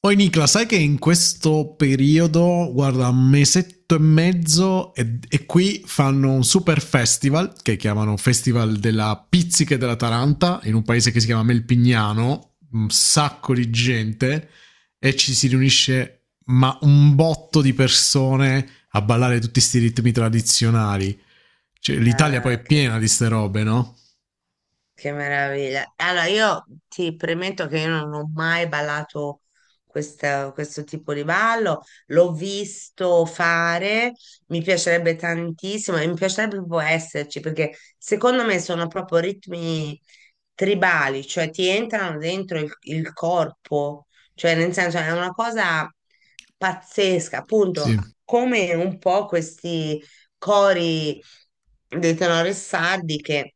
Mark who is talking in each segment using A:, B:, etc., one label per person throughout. A: Poi Nicola, sai che in questo periodo, guarda, un mesetto e mezzo e qui fanno un super festival che chiamano Festival della Pizzica e della Taranta in un paese che si chiama Melpignano, un sacco di gente e ci si riunisce ma un botto di persone a ballare tutti questi ritmi tradizionali. Cioè, l'Italia poi è
B: Ah,
A: piena di ste robe, no?
B: che meraviglia. Allora, io ti premetto che io non ho mai ballato questo tipo di ballo. L'ho visto fare, mi piacerebbe tantissimo e mi piacerebbe proprio esserci perché secondo me sono proprio ritmi tribali, cioè ti entrano dentro il corpo, cioè nel senso è una cosa pazzesca, appunto,
A: Sì.
B: come un po' questi cori dei Tenore Sardi che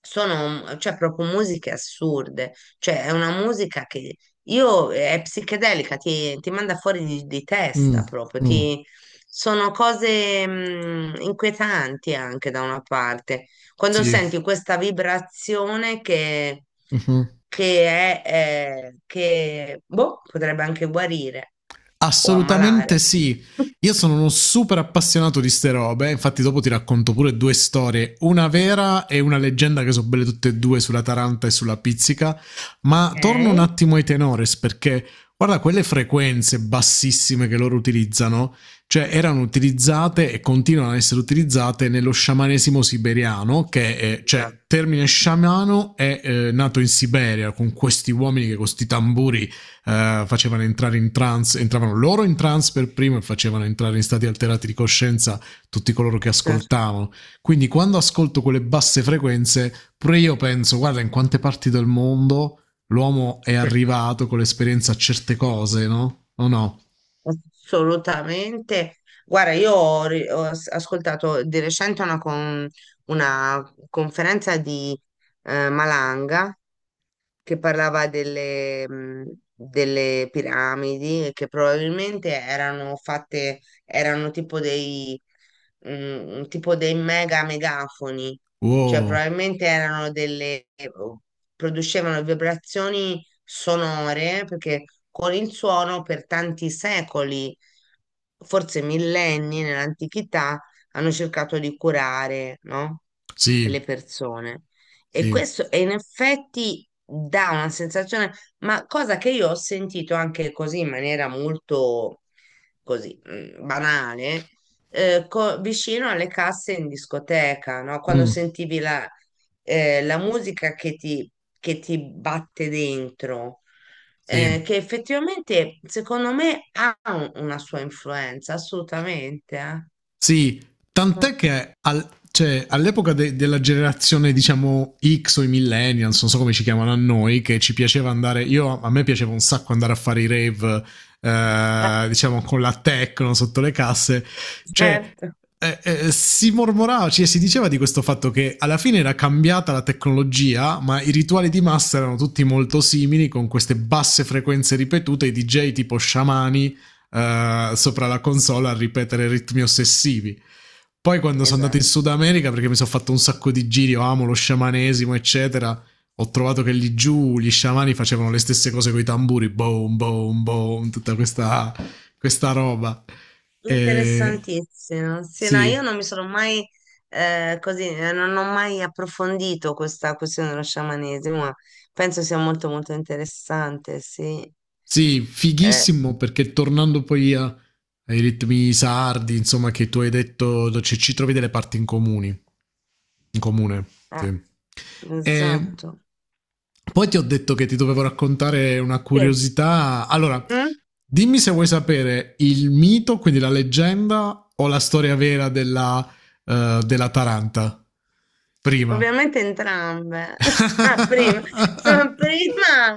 B: sono, cioè, proprio musiche assurde, cioè è una musica che io è psichedelica, ti manda fuori di
A: Mm,
B: testa proprio,
A: mm,
B: sono cose inquietanti anche da una parte. Quando
A: sì.
B: senti questa vibrazione
A: Mhm.
B: che è, che boh, potrebbe anche guarire o
A: Assolutamente
B: ammalare.
A: sì. Io sono uno super appassionato di ste robe, infatti dopo ti racconto pure due storie, una vera e una leggenda che sono belle tutte e due sulla Taranta e sulla Pizzica, ma torno un
B: Ok?
A: attimo ai tenores perché guarda quelle frequenze bassissime che loro utilizzano, cioè erano utilizzate e continuano ad essere utilizzate nello sciamanesimo siberiano, che è,
B: Esatto,
A: cioè termine sciamano è nato in Siberia con questi uomini che con questi tamburi facevano entrare in trance, entravano loro in trance per primo e facevano entrare in stati alterati di coscienza tutti coloro che
B: certo.
A: ascoltavano. Quindi quando ascolto quelle basse frequenze, pure io penso, guarda in quante parti del mondo l'uomo è
B: Sì,
A: arrivato con l'esperienza a certe cose, no? O no?
B: assolutamente. Guarda, io ho, ri- ho as- ascoltato di recente una conferenza di Malanga che parlava delle, delle piramidi e che probabilmente erano fatte, erano tipo dei megafoni, cioè
A: Wow,
B: probabilmente erano delle, producevano vibrazioni sonore perché con il suono per tanti secoli, forse millenni nell'antichità, hanno cercato di curare, no? Le
A: sì,
B: persone. E
A: sì,
B: questo e in effetti dà una sensazione, ma cosa che io ho sentito anche così in maniera molto così banale, vicino alle casse in discoteca, no? Quando
A: mm,
B: sentivi la, la musica che ti batte dentro.
A: sì.
B: Che effettivamente secondo me ha una sua influenza, assolutamente.
A: Sì,
B: Mm.
A: tant'è che cioè, all'epoca della generazione, diciamo, X o i millennials, non so come ci chiamano a noi, che ci piaceva andare, io a me piaceva un sacco andare a fare i rave,
B: Eh,
A: diciamo, con la techno sotto le casse, cioè,
B: certo.
A: si mormorava, cioè, si diceva di questo fatto che alla fine era cambiata la tecnologia, ma i rituali di massa erano tutti molto simili, con queste basse frequenze ripetute, i DJ tipo sciamani sopra la console a ripetere ritmi ossessivi. Poi quando sono andato in
B: Esatto.
A: Sud America, perché mi sono fatto un sacco di giri, io amo lo sciamanesimo, eccetera, ho trovato che lì giù gli sciamani facevano le stesse cose con i tamburi, boom, boom, boom, tutta questa roba. E,
B: Interessantissimo. Sì, no, io
A: sì,
B: non mi sono mai non ho mai approfondito questa questione dello sciamanesimo, ma penso sia molto molto interessante, sì.
A: sì,
B: Eh,
A: fighissimo perché tornando poi ai ritmi sardi, insomma, che tu hai detto, ci trovi delle parti in comuni. In comune,
B: eh,
A: sì. E
B: esatto.
A: poi ti ho detto che ti dovevo raccontare una
B: Sì.
A: curiosità. Allora,
B: Mm?
A: dimmi se vuoi sapere il mito, quindi la leggenda o la storia vera della Taranta. Prima.
B: Ovviamente entrambe. Ah, prima, prima,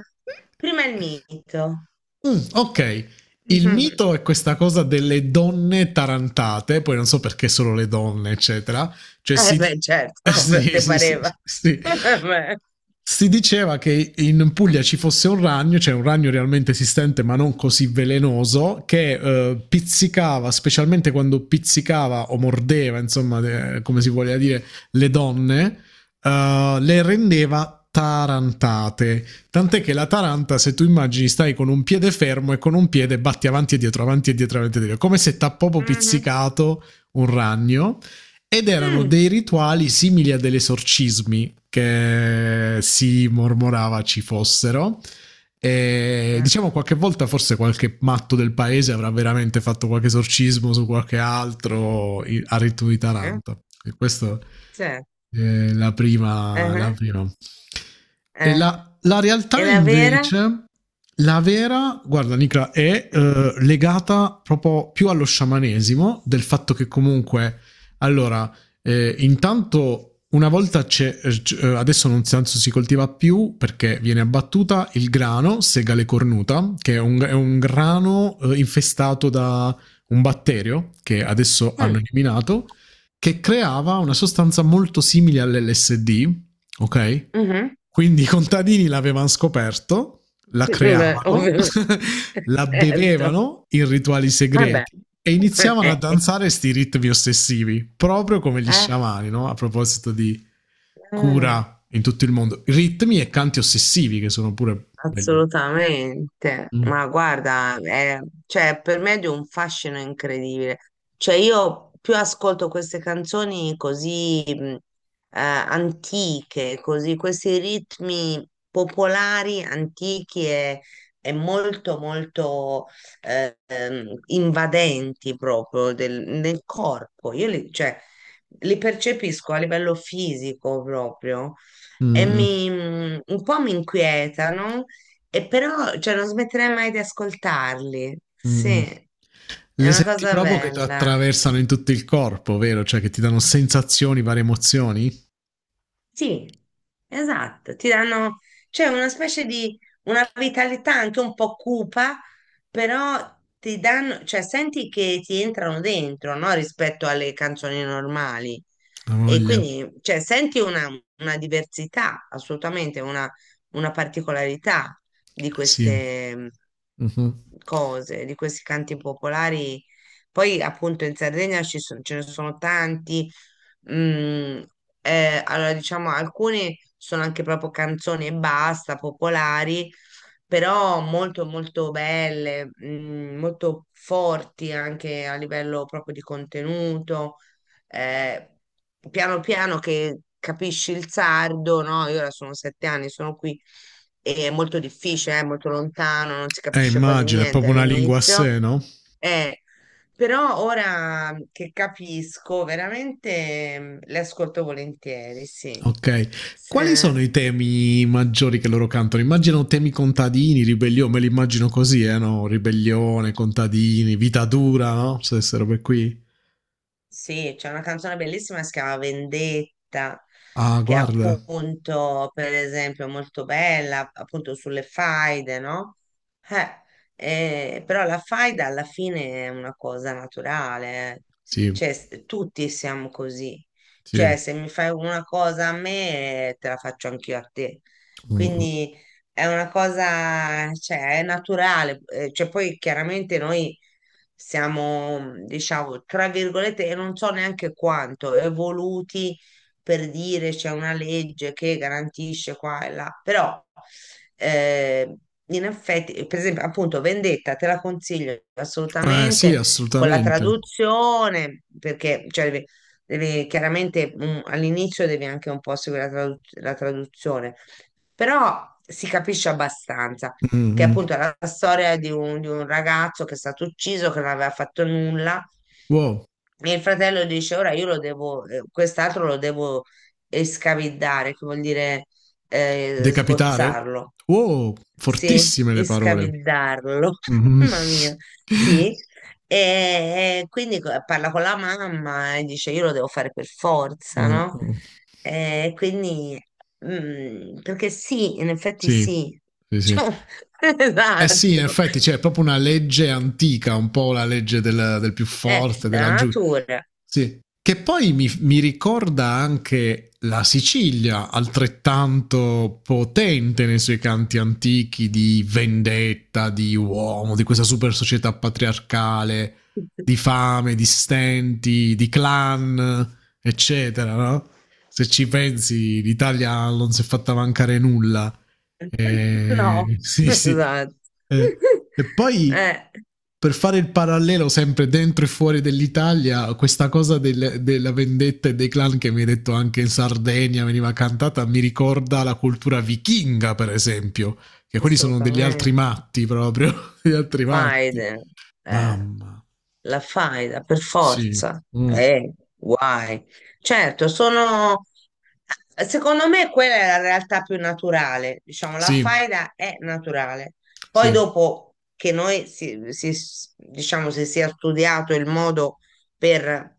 B: prima il mito.
A: Okay. Il mito è questa cosa delle donne tarantate, poi non so perché solo le donne, eccetera. Cioè
B: Mhm. Eh
A: si di
B: beh, certo,
A: sì,
B: ti
A: sì, sì,
B: pareva.
A: sì.
B: Vabbè.
A: Si diceva che in Puglia ci fosse un ragno, cioè un ragno realmente esistente ma non così velenoso, che, pizzicava, specialmente quando pizzicava o mordeva, insomma, de come si voglia dire, le donne, le rendeva tarantate. Tant'è che l'Ataranta, se tu immagini, stai con un piede fermo e con un piede batti avanti e dietro, avanti e dietro, avanti e dietro, come se t'ha proprio
B: Mhm.
A: pizzicato un ragno. Ed erano
B: Mm.
A: dei rituali simili a degli esorcismi che si mormorava ci fossero. E
B: Eh,
A: diciamo qualche volta forse qualche matto del paese avrà veramente fatto qualche esorcismo su qualche altro a ritmo di
B: eh,
A: Taranto. E questa
B: certo.
A: è la prima. La
B: Ah,
A: prima. E
B: ah.
A: la
B: E
A: realtà
B: la vera?
A: invece, la vera, guarda Nicola, è
B: Mm.
A: legata proprio più allo sciamanesimo, del fatto che comunque, allora, intanto una volta c'è, adesso non si, anzi, si coltiva più perché viene abbattuta il grano, segale cornuta, che è un, grano infestato da un batterio che adesso hanno
B: Mm,
A: eliminato, che creava una sostanza molto simile all'LSD, ok?
B: mhm.
A: Quindi i contadini l'avevano scoperto, la
B: Beh,
A: creavano,
B: ovviamente,
A: la
B: certo.
A: bevevano in rituali
B: Vabbè.
A: segreti e iniziavano a
B: Eh,
A: danzare sti ritmi ossessivi, proprio come gli
B: ah,
A: sciamani, no? A proposito di
B: ah.
A: cura in tutto il mondo, ritmi e canti ossessivi che sono pure belli.
B: Assolutamente,
A: Mm.
B: ma guarda, è- cioè, per me è di un fascino incredibile. Cioè, io più ascolto queste canzoni così antiche, così, questi ritmi popolari, antichi e molto, molto invadenti proprio nel corpo. Io li, cioè, li percepisco a livello fisico proprio e
A: Mm.
B: mi, un po' mi inquietano e però, cioè, non smetterei mai di ascoltarli.
A: Mm.
B: Sì, è
A: Le
B: una
A: senti
B: cosa
A: proprio che ti
B: bella.
A: attraversano in tutto il corpo, vero? Cioè che ti danno sensazioni, varie emozioni?
B: Sì, esatto, ti danno, cioè una specie di, una vitalità anche un po' cupa, però ti danno, cioè senti che ti entrano dentro, no? Rispetto alle canzoni normali.
A: La
B: E
A: voglia,
B: quindi, cioè, senti una diversità, assolutamente, una particolarità di
A: sì.
B: queste
A: Mhm.
B: cose, di questi canti popolari. Poi, appunto, in Sardegna ce ne sono tanti. Mm, allora diciamo alcune sono anche proprio canzoni e basta, popolari, però molto molto belle, molto forti anche a livello proprio di contenuto. eh, piano piano che capisci il sardo, no? Io ora sono 7 anni, sono qui e è molto difficile, è molto lontano, non si capisce quasi
A: Immagino, è
B: niente
A: proprio una lingua a
B: all'inizio.
A: sé, no?
B: eh, Però ora che capisco, veramente le ascolto volentieri, sì.
A: Ok. Quali sono
B: Se-
A: i temi maggiori che loro cantano? Immagino temi contadini, ribellione, me li immagino così, no? Ribellione, contadini, vita dura, no? Se queste robe qui.
B: sì, c'è una canzone bellissima che si chiama Vendetta,
A: Ah,
B: che è
A: guarda.
B: appunto, per esempio, molto bella, appunto sulle faide, no? Eh, però la faida alla fine è una cosa naturale, eh.
A: Sì,
B: Cioè, tutti siamo così.
A: sì.
B: Cioè, se mi fai una cosa a me, te la faccio anch'io a te.
A: Mm.
B: Quindi è una cosa, cioè, è naturale, cioè poi chiaramente noi siamo, diciamo, tra virgolette, e non so neanche quanto, evoluti per dire c'è una legge che garantisce qua e là, però eh, in effetti, per esempio, appunto, Vendetta te la consiglio
A: Sì,
B: assolutamente con la
A: assolutamente.
B: traduzione, perché cioè, chiaramente all'inizio devi anche un po' seguire la la traduzione, però si capisce abbastanza
A: Mm,
B: che
A: mm.
B: appunto è la storia di di un ragazzo che è stato ucciso, che non aveva fatto nulla,
A: Wow.
B: e il fratello dice: Ora io lo devo, quest'altro lo devo escavidare, che vuol dire
A: Decapitare?
B: sgozzarlo.
A: Wow,
B: Sì,
A: fortissime le
B: e
A: parole.
B: scavillarlo,
A: Mhm.
B: mamma mia, sì. E quindi parla con la mamma e dice io lo devo fare per forza,
A: Mm,
B: no?
A: mm.
B: E quindi, perché sì, in effetti
A: Sì,
B: sì,
A: sì, sì.
B: cioè,
A: Eh sì, in
B: esatto,
A: effetti c'è proprio una legge antica, un po' la legge del più
B: è
A: forte,
B: la
A: della giù.
B: natura.
A: Sì. Che poi mi ricorda anche la Sicilia, altrettanto potente nei suoi canti antichi di vendetta, di uomo, di questa super società patriarcale, di fame, di stenti, di clan, eccetera, no? Se ci pensi, l'Italia non si è fatta mancare nulla.
B: No,
A: Sì, sì.
B: esatto,
A: Eh, e poi
B: eh,
A: per fare il parallelo sempre dentro e fuori dell'Italia, questa cosa della vendetta e dei clan che mi hai detto anche in Sardegna veniva cantata, mi ricorda la cultura vichinga, per esempio, che quelli sono degli altri
B: assolutamente.
A: matti proprio, degli altri matti.
B: Faide, eh,
A: Mamma,
B: la faida per
A: sì,
B: forza,
A: mm,
B: guai. Certo, sono, secondo me quella è la realtà più naturale, diciamo, la
A: sì,
B: faida è naturale. Poi
A: sì,
B: dopo che noi diciamo, si sia studiato il modo per,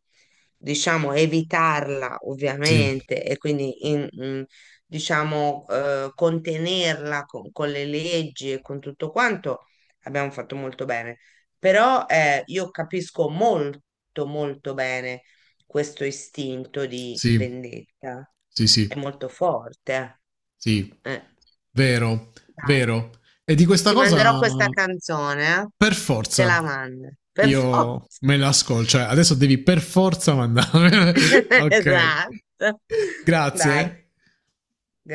B: diciamo, evitarla,
A: sì,
B: ovviamente, e quindi diciamo, contenerla con le leggi e con tutto quanto abbiamo fatto molto bene. Però io capisco molto, molto bene questo istinto di
A: sì,
B: vendetta.
A: sì,
B: È
A: sì,
B: molto forte.
A: sì,
B: eh. Eh.
A: vero,
B: Dai,
A: vero. E di questa
B: ti manderò
A: cosa
B: questa canzone, eh.
A: per
B: Te
A: forza
B: la mando. Per
A: io
B: forza.
A: me la ascolto. Cioè, adesso devi per forza mandarmi. Ok.
B: Esatto. Dai.
A: Grazie.